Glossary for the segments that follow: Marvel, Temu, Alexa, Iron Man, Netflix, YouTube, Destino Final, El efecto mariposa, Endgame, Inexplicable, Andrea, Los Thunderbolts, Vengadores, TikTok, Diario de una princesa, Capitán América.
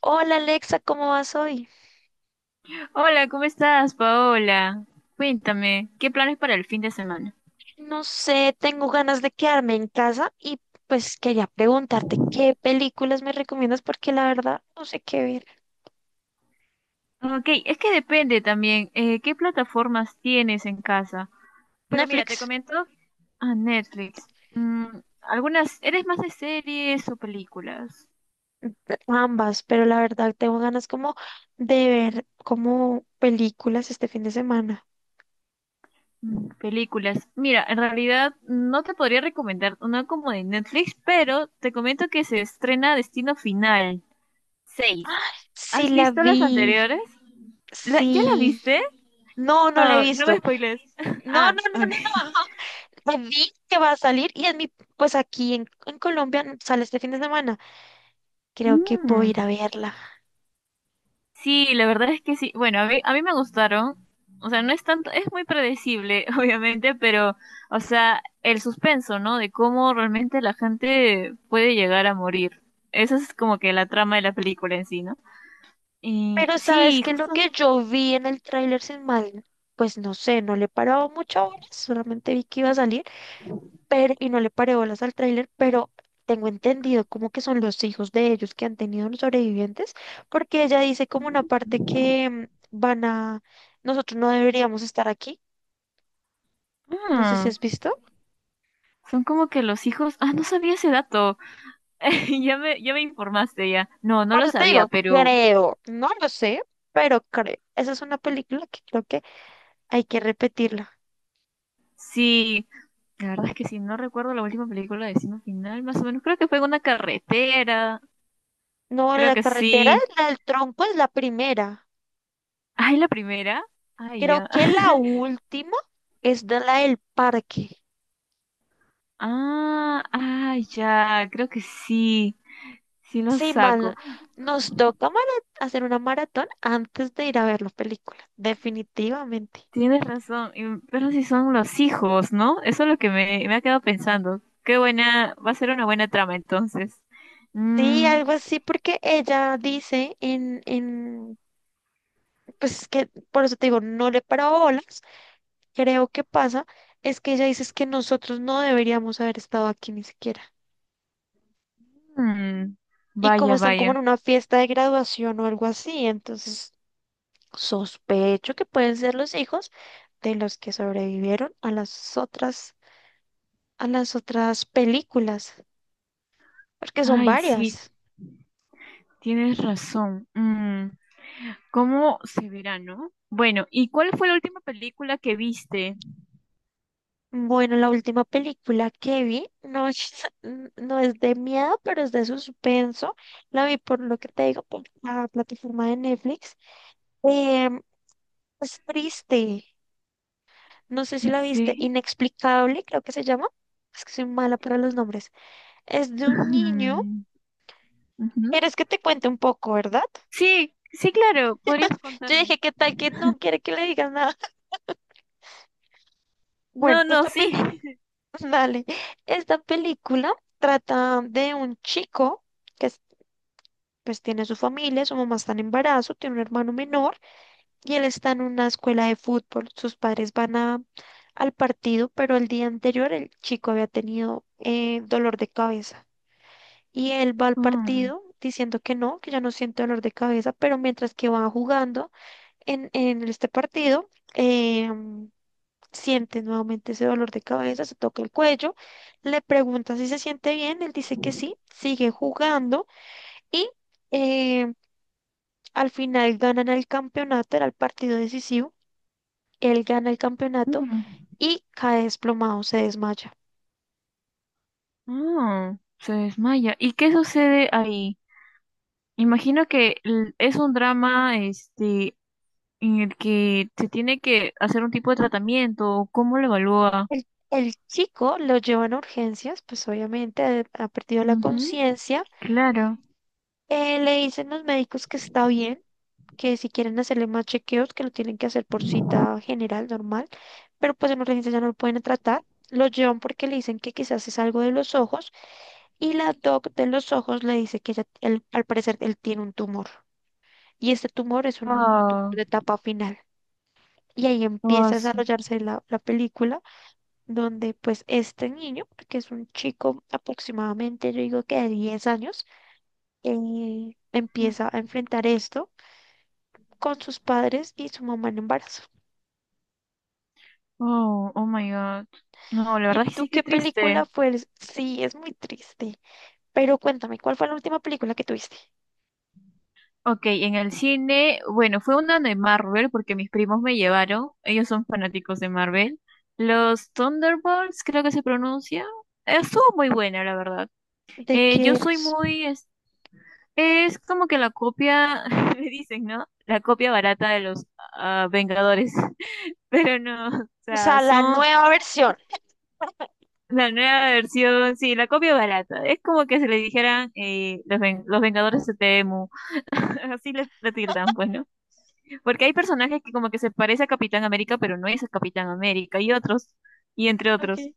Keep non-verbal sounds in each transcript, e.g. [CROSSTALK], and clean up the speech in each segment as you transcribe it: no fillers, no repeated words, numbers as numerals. Hola Alexa, ¿cómo vas hoy? Hola, ¿cómo estás, Paola? Cuéntame, ¿qué planes para el fin de semana? No sé, tengo ganas de quedarme en casa y pues quería preguntarte qué películas me recomiendas porque la verdad no sé qué ver. Ok, es que depende también, ¿qué plataformas tienes en casa? Pero mira, te Netflix, comento a Netflix. Algunas, ¿eres más de series o películas? ambas, pero la verdad tengo ganas como de ver como películas este fin de semana. Películas. Mira, en realidad no te podría recomendar una como de Netflix, pero te comento que se estrena Destino Final seis. Sí ¿Has la visto las vi, anteriores? ¿Ya la sí. viste? No, no la he Oh, no me visto. spoiles. [LAUGHS] No, Ah, no, no, ok. no, no. [LAUGHS] La vi que va a salir y pues aquí en Colombia sale este fin de semana. Creo que puedo ir Mm. a verla. Sí, la verdad es que sí. Bueno, a mí me gustaron. O sea, no es tanto, es muy predecible, [LAUGHS] obviamente, pero, o sea, el suspenso, ¿no? De cómo realmente la gente puede llegar a morir. Esa es como que la trama de la película en sí, ¿no? Y Pero sabes sí, que lo justo. que yo vi en el tráiler sin mal, pues no sé, no le he parado muchas horas, solamente vi que iba a salir, pero y no le paré bolas al tráiler, pero tengo entendido como que son los hijos de ellos que han tenido los sobrevivientes, porque ella dice como una parte que van a, nosotros no deberíamos estar aquí, no sé si mm, has visto. son como que los hijos. Ah, no sabía ese dato. [LAUGHS] Ya me informaste ya. No, no Por lo eso te sabía, digo, pero creo, no lo sé, pero creo. Esa es una película que creo que hay que repetirla. sí. La verdad es que sí, no recuerdo la última película de Destino Final, más o menos. Creo que fue en una carretera. No, Creo la que carretera, sí. la del tronco es la primera. Ay, la primera. Ay, Creo ya. que la [LAUGHS] última es de la del parque. Ah, ah, ya. Creo que sí. Sí lo Sí, saco. mal, nos toca hacer una maratón antes de ir a ver la película, definitivamente. Tienes razón. Pero si son los hijos, ¿no? Eso es lo que me ha quedado pensando. Qué buena. Va a ser una buena trama entonces. Sí, Mm, algo así, porque ella dice pues es que por eso te digo, no le paraba bolas. Creo que pasa, es que ella dice es que nosotros no deberíamos haber estado aquí ni siquiera. mm, Y como vaya, están como vaya. en una fiesta de graduación o algo así, entonces sospecho que pueden ser los hijos de los que sobrevivieron a las otras películas, porque son Ay, varias. sí. Tienes razón. ¿Cómo se verá, no? Bueno, ¿y cuál fue la última película que viste? Bueno, la última película que vi no es, [LAUGHS] no es de miedo, pero es de suspenso. La vi por lo que te digo, por la plataforma de Netflix. Em, es triste. No sé si la viste. Sí. Inexplicable, creo que se llama. Es que soy mala para los nombres. Es de un niño. [LAUGHS] Ujú. ¿Quieres que te cuente un poco, verdad? Sí, sí, claro, podrías Yo contarme. dije, ¿qué tal que no quiere que le digas nada? [LAUGHS] Bueno, No, no, esta sí. película, [LAUGHS] dale, esta película trata de un chico que es- pues tiene su familia, su mamá está en embarazo, tiene un hermano menor y él está en una escuela de fútbol. Sus padres van a, al partido, pero el día anterior el chico había tenido dolor de cabeza y él va al Mm, partido diciendo que no, que ya no siente dolor de cabeza, pero mientras que va jugando en este partido, em, siente nuevamente ese dolor de cabeza, se toca el cuello, le pregunta si se siente bien, él dice que sí, sigue jugando y eh, al final ganan el campeonato, era el partido decisivo, él gana el campeonato mm, y cae desplomado, se desmaya. se desmaya. ¿Y qué sucede ahí? Imagino que es un drama, este, en el que se tiene que hacer un tipo de tratamiento. O ¿cómo lo evalúa? El chico lo llevan a urgencias, pues obviamente ha perdido la Ujú, conciencia. claro. Le dicen los médicos que está bien, que si quieren hacerle más chequeos, que lo tienen que hacer por cita general, normal, pero pues en urgencia ya no lo pueden tratar. Lo llevan porque le dicen que quizás es algo de los ojos y la doc de los ojos le dice que al parecer él tiene un tumor y este tumor es un tumor Ah, de etapa final. Y ahí ah, empieza a su- desarrollarse la película donde pues este niño, que es un chico aproximadamente, yo digo que de 10 años, empieza a enfrentar esto con sus padres y su mamá en embarazo. Oh, oh my God. No, la ¿Y verdad es que tú sí, que qué película triste. fue? Sí, es muy triste. Pero cuéntame, ¿cuál fue la última película que tuviste? Ok, en el cine, bueno, fue una de Marvel porque mis primos me llevaron, ellos son fanáticos de Marvel. Los Thunderbolts, creo que se pronuncia. Estuvo muy buena, la verdad. ¿De Yo qué soy es? muy. Es como que la copia, [LAUGHS] me dicen, ¿no? La copia barata de los Vengadores. [LAUGHS] Pero no, o O sea, sea, la son nueva versión. la nueva versión, sí, la copia barata. Es como que se le dijeran los Vengadores de Temu. [LAUGHS] Así le tildan, bueno. Porque hay personajes que como que se parece a Capitán América, pero no es el Capitán América, y otros, y entre otros. Okay.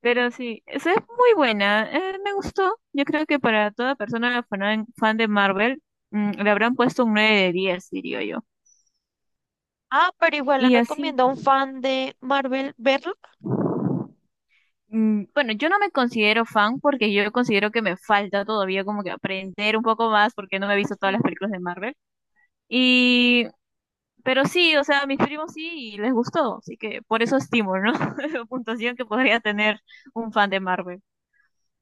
Pero sí, esa es muy buena, me gustó. Yo creo que para toda persona fan, fan de Marvel, le habrán puesto un 9 de 10, diría yo. Ah, pero igual le Y así, recomiendo a un fan de Marvel verlo. Bueno, yo no me considero fan porque yo considero que me falta todavía como que aprender un poco más porque no me he visto todas Ujú. las películas de Marvel. Y Pero sí, o sea, a mis primos sí y les gustó, así que por eso estimo, ¿no? [LAUGHS] Puntuación que podría tener un fan de Marvel.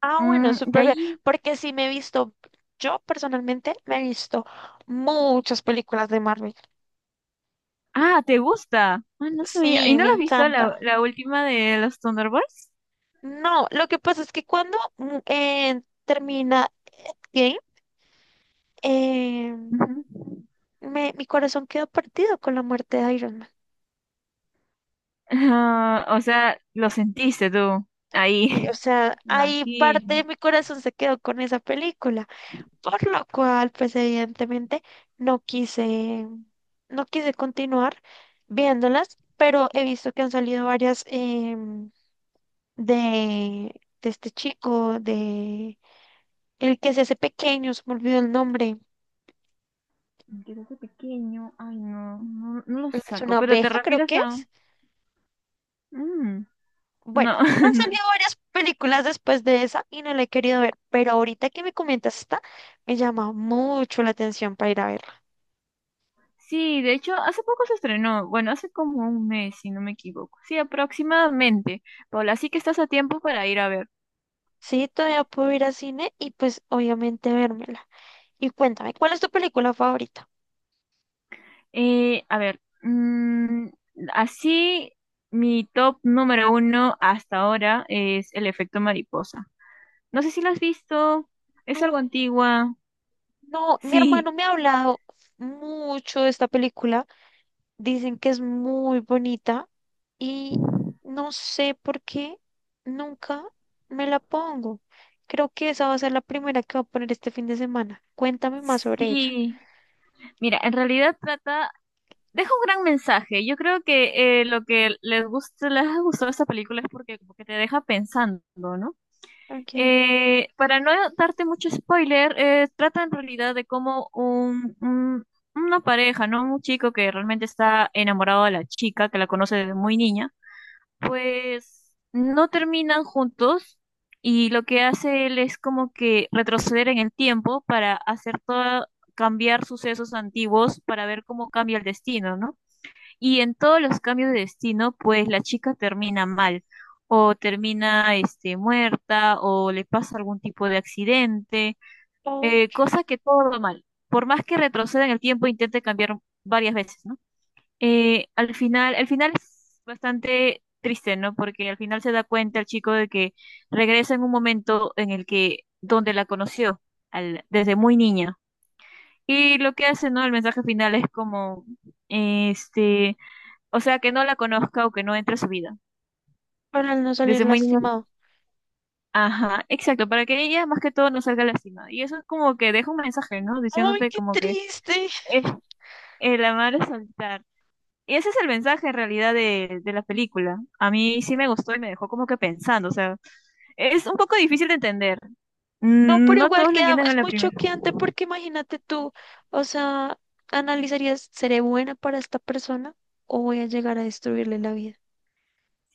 Ah, bueno, De súper bien. ahí. Porque sí me he visto, yo personalmente me he visto muchas películas de Marvel. Ah, ¿te gusta? Ah, no sabía. ¿Y Sí, no me la has visto la, encanta. la última de los Thunderbolts? No, lo que pasa es que cuando termina Endgame, eh, Ujú. Mi corazón quedó partido con la muerte de Iron Man. Ah, o sea, lo sentiste tú ahí. Y, o [LAUGHS] sea, ahí parte de Imagino. mi corazón se quedó con esa película, por lo cual, pues evidentemente no quise, no quise continuar viéndolas, pero he visto que han salido varias de, de este chico, de el que se hace pequeño, se me olvidó el nombre, Creo que pequeño. Ay, no, no, no lo es saco. una Pero te oveja, creo refieres que a. es. Mm, Bueno, no, [LAUGHS] han no. salido varias películas después de esa y no la he querido ver, pero ahorita que me comentas esta, me llama mucho la atención para ir a verla. Sí, de hecho, hace poco se estrenó, bueno, hace como un mes, si no me equivoco. Sí, aproximadamente. Paula, así que estás a tiempo para ir a ver. Sí, todavía puedo ir al cine y pues obviamente vérmela. Y cuéntame, ¿cuál es tu película favorita? A ver, así mi top número uno hasta ahora es El efecto mariposa. No sé si la has visto, es algo No, antigua. no, mi Sí, hermano me ha hablado mucho de esta película, dicen que es muy bonita y no sé por qué nunca me la pongo. Creo que esa va a ser la primera que voy a poner este fin de semana. Cuéntame más sobre ella. sí. Mira, en realidad trata, deja un gran mensaje. Yo creo que lo que les gusta, les ha gustado esta película es porque como que te deja pensando, ¿no? Ok. Para no darte mucho spoiler, trata en realidad de cómo un, una pareja, ¿no? Un chico que realmente está enamorado de la chica, que la conoce desde muy niña, pues no terminan juntos y lo que hace él es como que retroceder en el tiempo para hacer todo, cambiar sucesos antiguos para ver cómo cambia el destino, ¿no? Y en todos los cambios de destino, pues la chica termina mal, o termina este, muerta, o le pasa algún tipo de accidente, Oh, cosa que todo va mal. Por más que retroceda en el tiempo, intente cambiar varias veces, ¿no? Al final, el final es bastante triste, ¿no? Porque al final se da cuenta el chico de que regresa en un momento en el que, donde la conoció, desde muy niña. Y lo que hace, ¿no? El mensaje final es como, este, o sea, que no la conozca o que no entre a su vida. para no salir Desde muy niño. lastimado. Ajá, exacto, para que ella más que todo no salga lastimada. Y eso es como que deja un mensaje, ¿no? ¡Ay, Diciéndote qué como que triste! es el amar es saltar. Y ese es el mensaje en realidad de la película. A mí sí me gustó y me dejó como que pensando. O sea, es un poco difícil de entender. No, pero No igual todos lo queda, entienden a es la muy primera. choqueante porque imagínate tú, o sea, analizarías, ¿seré buena para esta persona o voy a llegar a destruirle la vida?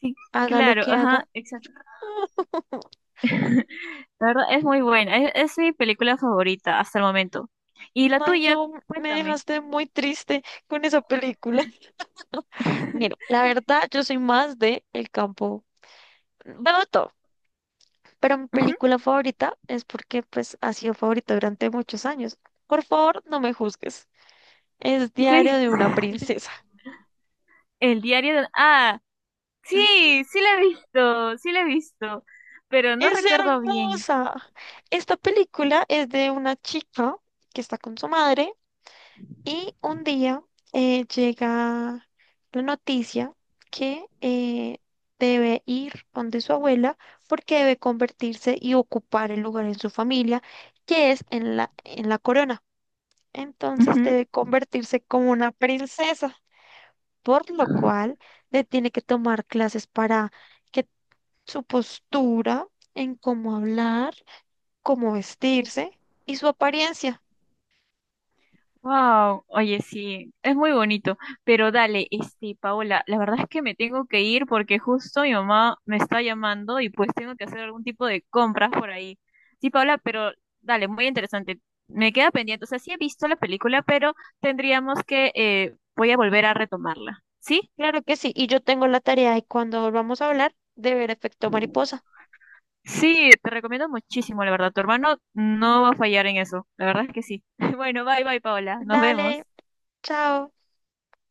Sí, Haga lo claro, que haga. ajá, exacto. [LAUGHS] [LAUGHS] La verdad es muy buena. Es mi película favorita hasta el momento. Y la Ay, tuya, no, me cuéntame. dejaste muy triste con esa película. [LAUGHS] Mira, [LAUGHS] la verdad, yo soy más de el campo. Veo todo, pero mi película favorita es porque pues ha sido favorita durante muchos años. Por favor, no me juzgues. Es Diario Sí, de una princesa. el diario de. Ah, Sí, sí, sí la he visto, sí la he visto, pero no es recuerdo bien. hermosa. Esta película es de una chica que está con su madre y un día llega la noticia que debe ir donde su abuela porque debe convertirse y ocupar el lugar en su familia que es en la corona. Entonces Ujú. debe convertirse como una princesa, por lo cual le tiene que tomar clases para... que su postura, en cómo hablar, cómo vestirse y su apariencia. Wow, oye, sí, es muy bonito, pero dale, este, Paola, la verdad es que me tengo que ir porque justo mi mamá me está llamando y pues tengo que hacer algún tipo de compras por ahí. Sí, Paola, pero dale, muy interesante. Me queda pendiente, o sea, sí he visto la película, pero tendríamos que, voy a volver a retomarla, ¿sí? Claro que sí, y yo tengo la tarea de cuando volvamos a hablar de ver efecto mariposa. Sí, te recomiendo muchísimo, la verdad. Tu hermano no va a fallar en eso. La verdad es que sí. [LAUGHS] Bueno, bye, bye, Paola. Nos Dale, vemos. chao.